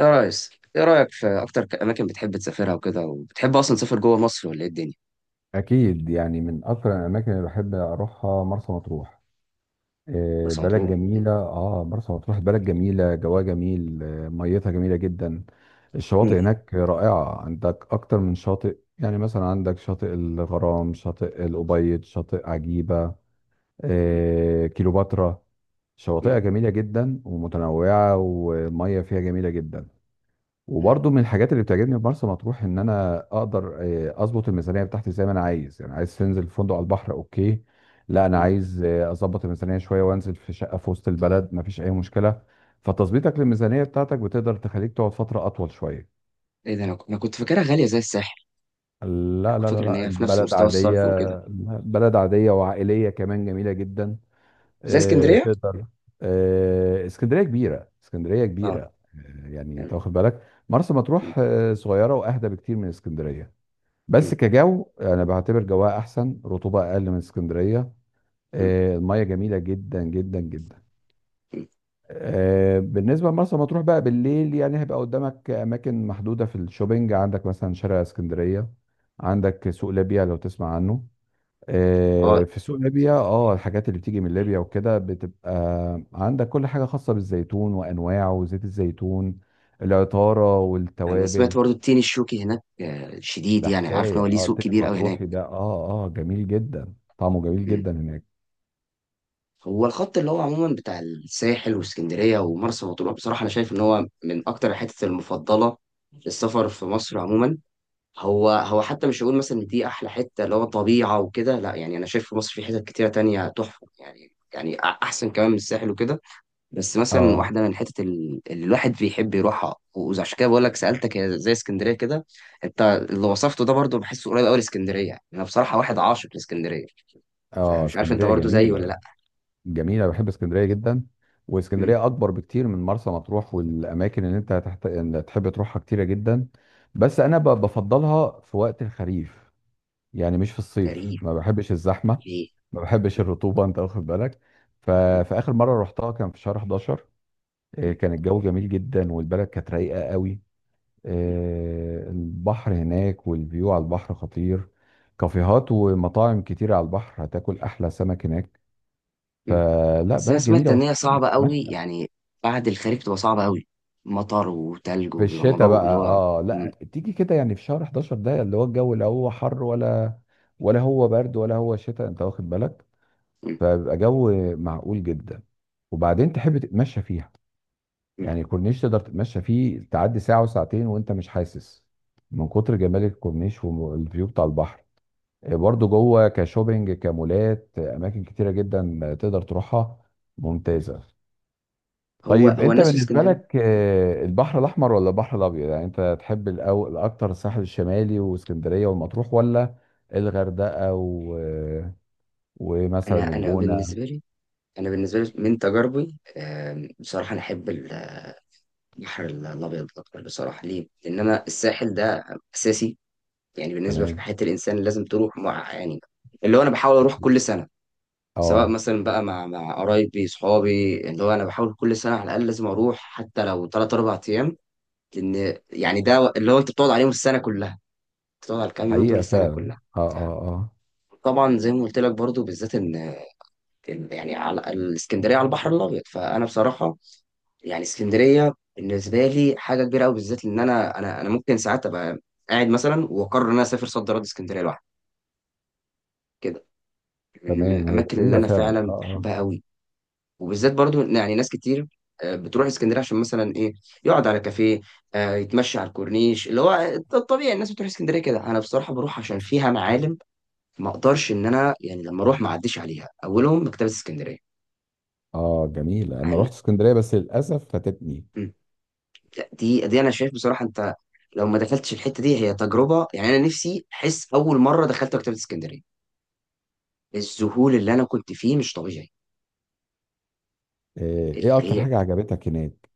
يا ريس، ايه رأيك في اكتر اماكن بتحب تسافرها وكده؟ وبتحب اصلا تسافر جوه مصر ولا ايه الدنيا؟ أكيد يعني من أكثر الأماكن اللي بحب أروحها مرسى مطروح. بس بلد مطلوب. جميلة. مرسى مطروح بلد جميلة جواها جميل، ميتها جميلة جدا. مم. الشواطئ هناك رائعة، عندك أكتر من شاطئ، يعني مثلا عندك شاطئ الغرام، شاطئ الأبيض، شاطئ عجيبة، مم. كيلوباترا. شواطئها مم. جميلة جدا ومتنوعة، والمية فيها جميلة جدا. مم. وبرضه من الحاجات اللي بتعجبني في مرسى مطروح ان انا اقدر اظبط الميزانيه بتاعتي زي ما انا عايز، يعني عايز تنزل فندق على البحر اوكي، لا انا مم. عايز اظبط الميزانيه شويه وانزل في شقه في وسط البلد، مفيش اي مشكله. فتظبيطك للميزانيه بتاعتك بتقدر تخليك تقعد فتره اطول شويه. ايه ده؟ أنا كنت فاكرها غالية زي الساحل. انا لا لا كنت لا فاكر ان لا، هي في نفس البلد مستوى عاديه. الصرف وكده. بلد عاديه وعائليه كمان، جميله جدا. زي آه، اسكندرية. تقدر آه، اسكندريه كبيره، اسكندريه اه. كبيره، يعني تمام. انت واخد بالك. مرسى مم. مطروح صغيره واهدى بكتير من اسكندريه. بس مم. كجو انا بعتبر جواها احسن، رطوبه اقل من اسكندريه. مم. الميه جميله جدا جدا جدا. مم. بالنسبه لمرسى مطروح بقى بالليل، يعني هيبقى قدامك اماكن محدوده في الشوبينج، عندك مثلا شارع اسكندريه، عندك سوق ليبيا لو تسمع عنه. اه في سوق ليبيا الحاجات اللي بتيجي من مم. ليبيا وكده بتبقى عندك، كل حاجه خاصه بالزيتون وانواعه وزيت الزيتون، العطاره انا والتوابل. سمعت برضو التين الشوكي هناك شديد، ده يعني انا عارف ان حكاية هو ليه سوق التاني كبير قوي هناك. المطروحي ده، جميل جدا، طعمه جميل مم. جدا هناك. هو الخط اللي هو عموما بتاع الساحل واسكندرية ومرسى مطروح، بصراحة انا شايف ان هو من اكتر الحتت المفضلة للسفر في مصر عموما. هو حتى مش هقول مثلا ان دي احلى حته اللي هو طبيعه وكده، لا، يعني انا شايف في مصر في حتت كتيره تانية تحفه، يعني احسن كمان من الساحل وكده. بس مثلا اه واحده من الحتت اللي الواحد بيحب يروحها، وعشان كده بقول لك سالتك هي زي اسكندريه كده. انت اللي وصفته ده برضو بحسه قريب قوي لاسكندريه. انا بصراحه واحد عاشق لاسكندريه، اه فمش عارف انت اسكندرية برضو زيي ولا لا. جميلة، جميلة، بحب اسكندرية جدا. امم. واسكندرية أكبر بكتير من مرسى مطروح، والأماكن اللي أنت هتحت... إن تحب تروحها كتيرة جدا. بس أنا بفضلها في وقت الخريف، يعني مش في الصيف، غريب. ما بحبش الزحمة، ليه؟ ما بحبش مم. الرطوبة، أنت واخد بالك؟ ف... مم. فآخر مرة رحتها كان في شهر 11. كان الجو جميل جدا والبلد كانت رايقة قوي. مم. البحر هناك والفيو على البحر خطير. كافيهات ومطاعم كتير على البحر، هتاكل احلى سمك هناك. مم. فلا، بس انا بلد سمعت جميله ان هي وتحب صعبه قوي تتمشى. يعني، بعد الخريف بتبقى صعبه قوي، مطر وتلج في وبيبقى الشتاء موضوع اللي بقى هو. لا، مم. تيجي كده يعني في شهر 11 ده، اللي هو الجو لا هو حر ولا، ولا هو برد، ولا هو شتاء، انت واخد بالك؟ مم. فبيبقى جو معقول جدا، وبعدين تحب تتمشى فيها. مم. يعني الكورنيش تقدر تتمشى فيه، تعدي ساعه وساعتين وانت مش حاسس، من كتر جمال الكورنيش والفيو بتاع البحر. برضو جوه كشوبينج، كمولات، اماكن كتيره جدا تقدر تروحها، ممتازه. هو طيب هو انت الناس في بالنسبه اسكندريه. لك، مم. البحر الاحمر ولا البحر الابيض؟ يعني انت تحب الاكتر الساحل الشمالي واسكندريه والمطروح، ولا الغردقه ومثلا انا الجونه؟ بالنسبه لي، انا بالنسبه لي من تجاربي، بصراحه انا احب البحر الابيض اكتر. بصراحه ليه؟ لان انا الساحل ده اساسي يعني بالنسبه في تمام. حياه الانسان لازم تروح مع، يعني اللي هو انا بحاول اروح أكيد. كل سنه، سواء اه. مثلا بقى مع قرايبي صحابي، اللي هو انا بحاول كل سنه على الاقل لازم اروح، حتى لو 3 4 ايام، لان يعني ده اللي هو انت بتقعد عليهم السنه كلها، بتقعد على الكام يوم دول حقيقه السنه فعلا. كلها. اه اه اه. طبعا زي ما قلت لك برضو بالذات إن يعني على الاسكندريه، على البحر الابيض، فانا بصراحه يعني اسكندريه بالنسبه لي حاجه كبيره قوي، بالذات ان انا ممكن ساعات ابقى قاعد مثلا واقرر ان انا اسافر صد رد اسكندريه لوحدي كده. من تمام، هي الاماكن اللي جميله انا فعلا. فعلا اه بحبها قوي. وبالذات برضو إن يعني ناس كتير بتروح اسكندريه عشان مثلا ايه، يقعد على كافيه، يتمشى على الكورنيش اللي هو الطبيعي. الناس بتروح اسكندريه كده، انا بصراحه بروح عشان فيها معالم، ما اقدرش ان انا يعني لما اروح ما اعديش عليها، اولهم مكتبه اسكندريه. اه اه، جميله. انا عن. رحت اسكندريه بس للاسف فاتتني. مم. لا، دي انا شايف بصراحه انت لو ما دخلتش الحته دي هي تجربه، يعني انا نفسي احس اول مره دخلت مكتبه اسكندريه الذهول اللي انا كنت فيه مش طبيعي. آه، ايه اكتر هي حاجه عجبتك هناك؟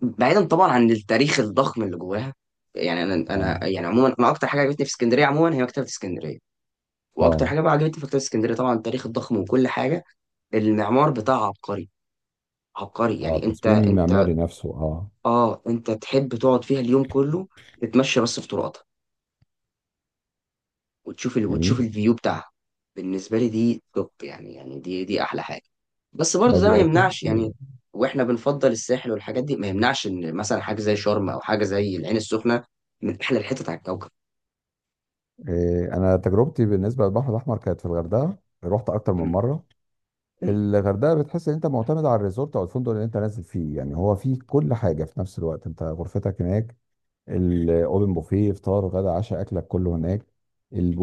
بعيدا طبعا عن التاريخ الضخم اللي جواها، يعني انا اه انا يعني عموما انا اكتر حاجه عجبتني في اسكندريه عموما هي مكتبه اسكندريه. واكتر اه حاجه بقى عجبتني في مكتبه اسكندريه، طبعا التاريخ الضخم وكل حاجه، المعمار بتاعها عبقري. عبقري اه. يعني انت التصميم انت المعماري نفسه، اه اه، انت تحب تقعد فيها اليوم كله، تتمشى بس في طرقاتها، وتشوف وتشوف جميل. الفيو بتاعها. بالنسبه لي دي توب، يعني يعني دي احلى حاجه. بس لا، برضه ده ما دي اكيد. يمنعش يعني، واحنا بنفضل الساحل والحاجات دي، ما يمنعش ان مثلا حاجه زي شرم او حاجه زي العين السخنه من احلى الحتت على الكوكب. انا تجربتي بالنسبه للبحر الاحمر كانت في الغردقه. رحت اكتر من م- مره. م- الغردقه بتحس ان انت معتمد على الريزورت او الفندق اللي انت نازل فيه، يعني هو فيه كل حاجه في نفس الوقت، انت غرفتك هناك، الاوبن بوفيه، فطار غدا عشاء، اكلك كله هناك.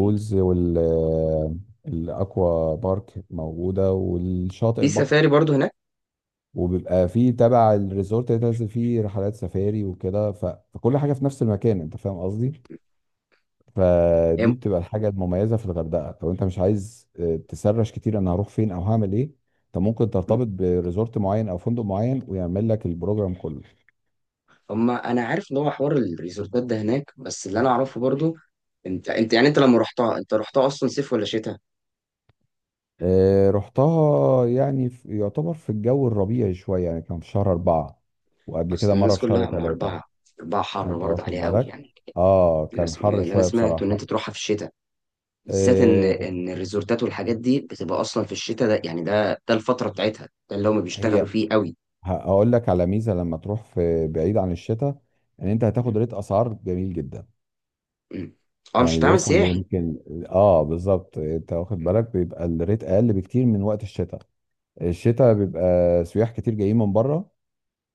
م. وال آه، الاكوا بارك موجوده، والشاطئ، في البحر. سفاري برضه هناك. وبيبقى فيه تبع الريزورت اللي أنت نازل فيه رحلات سفاري وكده. فكل حاجه في نفس المكان، انت فاهم قصدي. هي فدي م- بتبقى الحاجه المميزه في الغردقه، لو انت مش عايز تسرش كتير انا هروح فين او هعمل ايه، انت ممكن م. ترتبط بريزورت معين او فندق معين ويعمل لك البروجرام كله. هما انا عارف ان هو حوار الريزورتات ده هناك، بس اللي انا اعرفه برضه، انت يعني انت لما رحتها انت رحتها اصلا صيف ولا شتاء؟ رحتها يعني في، يعتبر في الجو الربيعي شويه، يعني كان في شهر 4، وقبل كده اصل مره الناس في شهر كلها، ما ثلاثة اربعه، اربعه حر انت برضه واخد عليها قوي بالك، يعني. اه كان الناس اللي حر انا شويه سمعته ان بصراحه. انت تروحها في الشتاء، بالذات ان آه، ان الريزورتات والحاجات دي بتبقى اصلا في الشتاء، ده يعني ده الفتره بتاعتها، ده اللي هم بيشتغلوا هي فيه قوي. هقول لك على ميزه، لما تروح في بعيد عن الشتاء، ان انت هتاخد م- ريت اسعار جميل جدا. م. اه، مش يعني هتعمل بيوصل سياحي. ليمكن، اه بالظبط، انت واخد م- بالك، بيبقى الريت اقل بكتير من وقت الشتاء. الشتاء بيبقى سياح كتير جايين من بره،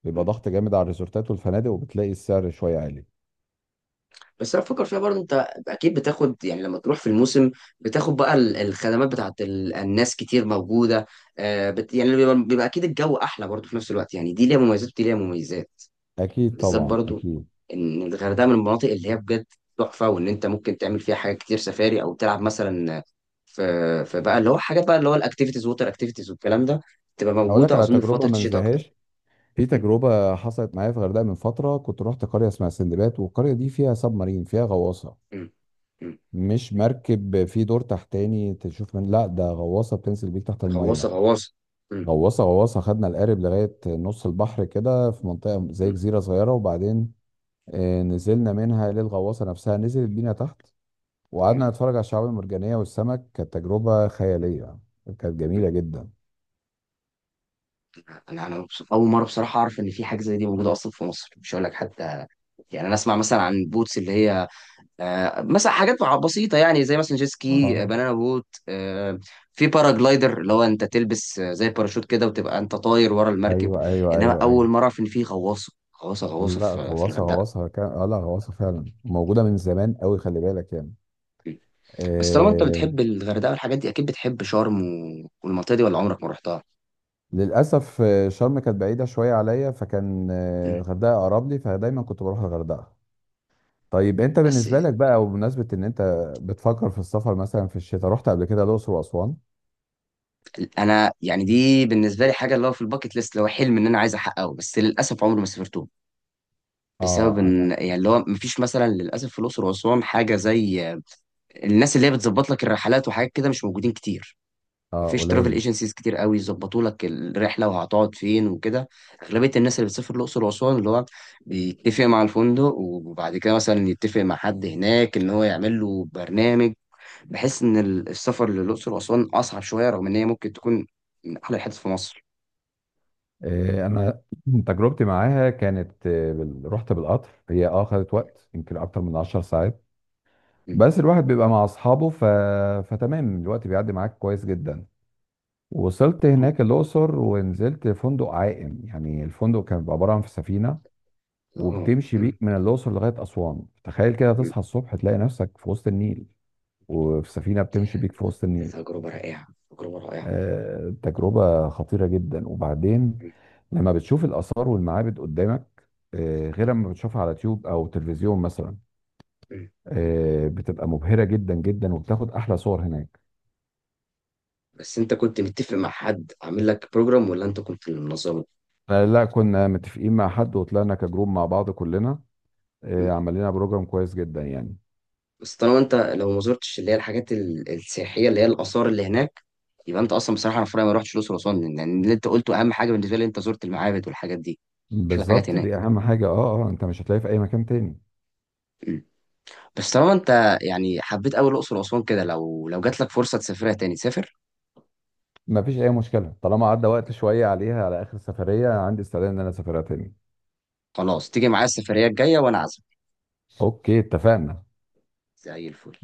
بيبقى م. ضغط جامد على الريزورتات والفنادق، وبتلاقي السعر شويه عالي. بس انا بفكر فيها برضه انت، اكيد بتاخد يعني لما تروح في الموسم، بتاخد بقى الخدمات بتاعت الناس كتير موجوده. آه، بت يعني بيبقى، بيبقى اكيد الجو احلى برضه في نفس الوقت، يعني دي ليها مميزات ودي ليها مميزات. اكيد بالذات طبعا، برضو اكيد. ان الغردقه من المناطق اللي هي بجد تحفه، وان انت ممكن تعمل فيها حاجات كتير، سفاري او تلعب مثلا في في بقى اللي هو حاجات، بقى اللي هو الاكتيفيتيز، ووتر اكتيفيتيز والكلام ده، تبقى هقول لك موجوده على اظن في تجربه فتره ما الشتاء اكتر. انساهاش. في م- تجربه حصلت معايا في الغردقه من فتره، كنت رحت قريه اسمها سندباد، والقريه دي فيها سب مارين، فيها غواصه، م- م. مش مركب في دور تحتاني تشوف من، لا ده غواصه بتنزل بيك تحت غواصه الميه، غواصه. م- غواصه غواصه. خدنا القارب لغايه نص البحر كده في منطقه زي م- جزيره صغيره، وبعدين نزلنا منها للغواصه نفسها، نزلت بينا تحت، م- وقعدنا نتفرج على الشعاب المرجانيه والسمك. كانت تجربه خياليه، كانت م. جميله جدا. انا مبسوط. اول مره بصراحه اعرف ان في حاجه زي دي موجوده اصلا في مصر. مش هقول لك حتى، يعني انا اسمع مثلا عن البوتس اللي هي مثلا حاجات بسيطة، يعني زي مثلا جيت سكي، اه، بنانا بوت، في باراجلايدر اللي هو انت تلبس زي باراشوت كده، وتبقى انت طاير ورا المركب. ايوه ايوه انما ايوه اول ايوه. مرة اعرف ان في غواصة، غواصة لا، في غواصه الغردقة. غواصه كان، لا، غواصه فعلا موجوده من زمان قوي، خلي بالك يعني. بس طالما انت آه، بتحب الغردقة والحاجات دي، اكيد بتحب شرم والمنطقة دي، ولا عمرك ما رحتها؟ للاسف شرم كانت بعيده شويه عليا، فكان مم. الغردقه اقرب لي، فدايما كنت بروح الغردقه. طيب انت بس بالنسبه لك بقى، وبمناسبه ان انت بتفكر في السفر مثلا في الشتاء، رحت قبل كده الاقصر واسوان؟ انا يعني دي بالنسبة لي حاجة اللي هو في الباكت ليست، اللي هو حلم ان انا عايز احققه، بس للاسف عمري ما سافرته، بسبب اه انا، ان يعني اللي هو مفيش مثلا للاسف في الاقصر واسوان حاجة زي الناس اللي هي بتظبط لك الرحلات، وحاجات كده مش موجودين كتير. اه مفيش ترافل قليل. ايجنسيز كتير قوي يظبطوا لك الرحله وهتقعد فين وكده. اغلبيه الناس اللي بتسافر الاقصر واسوان اللي هو بيتفق مع الفندق وبعد كده مثلا يتفق مع حد هناك ان هو يعمل له برنامج. بحس ان السفر للاقصر واسوان اصعب شويه، رغم ان هي ممكن تكون من احلى الحتت في مصر. انا تجربتي معاها كانت، رحت بالقطر، هي خدت وقت يمكن اكتر من 10 ساعات، م- بس الواحد بيبقى مع اصحابه. فتمام، الوقت بيعدي معاك كويس جدا. وصلت هو- هناك الاقصر، ونزلت فندق عائم، يعني الفندق كان بيبقى عباره عن في سفينه، م- اه وبتمشي م- بيك من الأقصر لغاية أسوان. تخيل كده م- تصحى الصبح تلاقي نفسك في وسط النيل، وفي سفينة بتمشي بيك في وسط النيل. تجربه رائعه، تجربه رائعه. تجربة خطيرة جدا. وبعدين لما بتشوف الآثار والمعابد قدامك، غير م- لما بتشوفها على تيوب أو تلفزيون مثلا، م- بتبقى مبهرة جدا جدا، وبتاخد أحلى صور هناك. بس انت كنت متفق مع حد عامل لك بروجرام، ولا انت كنت اللي منظمه؟ فلا، كنا متفقين مع حد وطلعنا كجروب مع بعض كلنا، مم. عمل لنا بروجرام كويس جدا يعني. بس طالما انت لو ما زرتش اللي هي الحاجات السياحيه، اللي هي الاثار اللي هناك، يبقى انت اصلا بصراحه، انا في رايي ما رحتش الاقصر واسوان، لان يعني اللي انت قلته اهم حاجه بالنسبه لي، انت زرت المعابد والحاجات دي، مش الحاجات بالظبط، هناك. دي أهم حاجة، اه اه، انت مش هتلاقيه في أي مكان تاني. مم. بس طالما انت يعني حبيت قوي الاقصر واسوان كده، لو جات لك فرصه تسافرها تاني سافر. ما فيش اي مشكله، طالما عدى وقت شويه عليها، على اخر السفريه أنا عندي استعداد ان انا اسافرها تاني. خلاص، تيجي معايا السفريه الجايه وانا عازمك. اوكي، اتفقنا. زي الفل.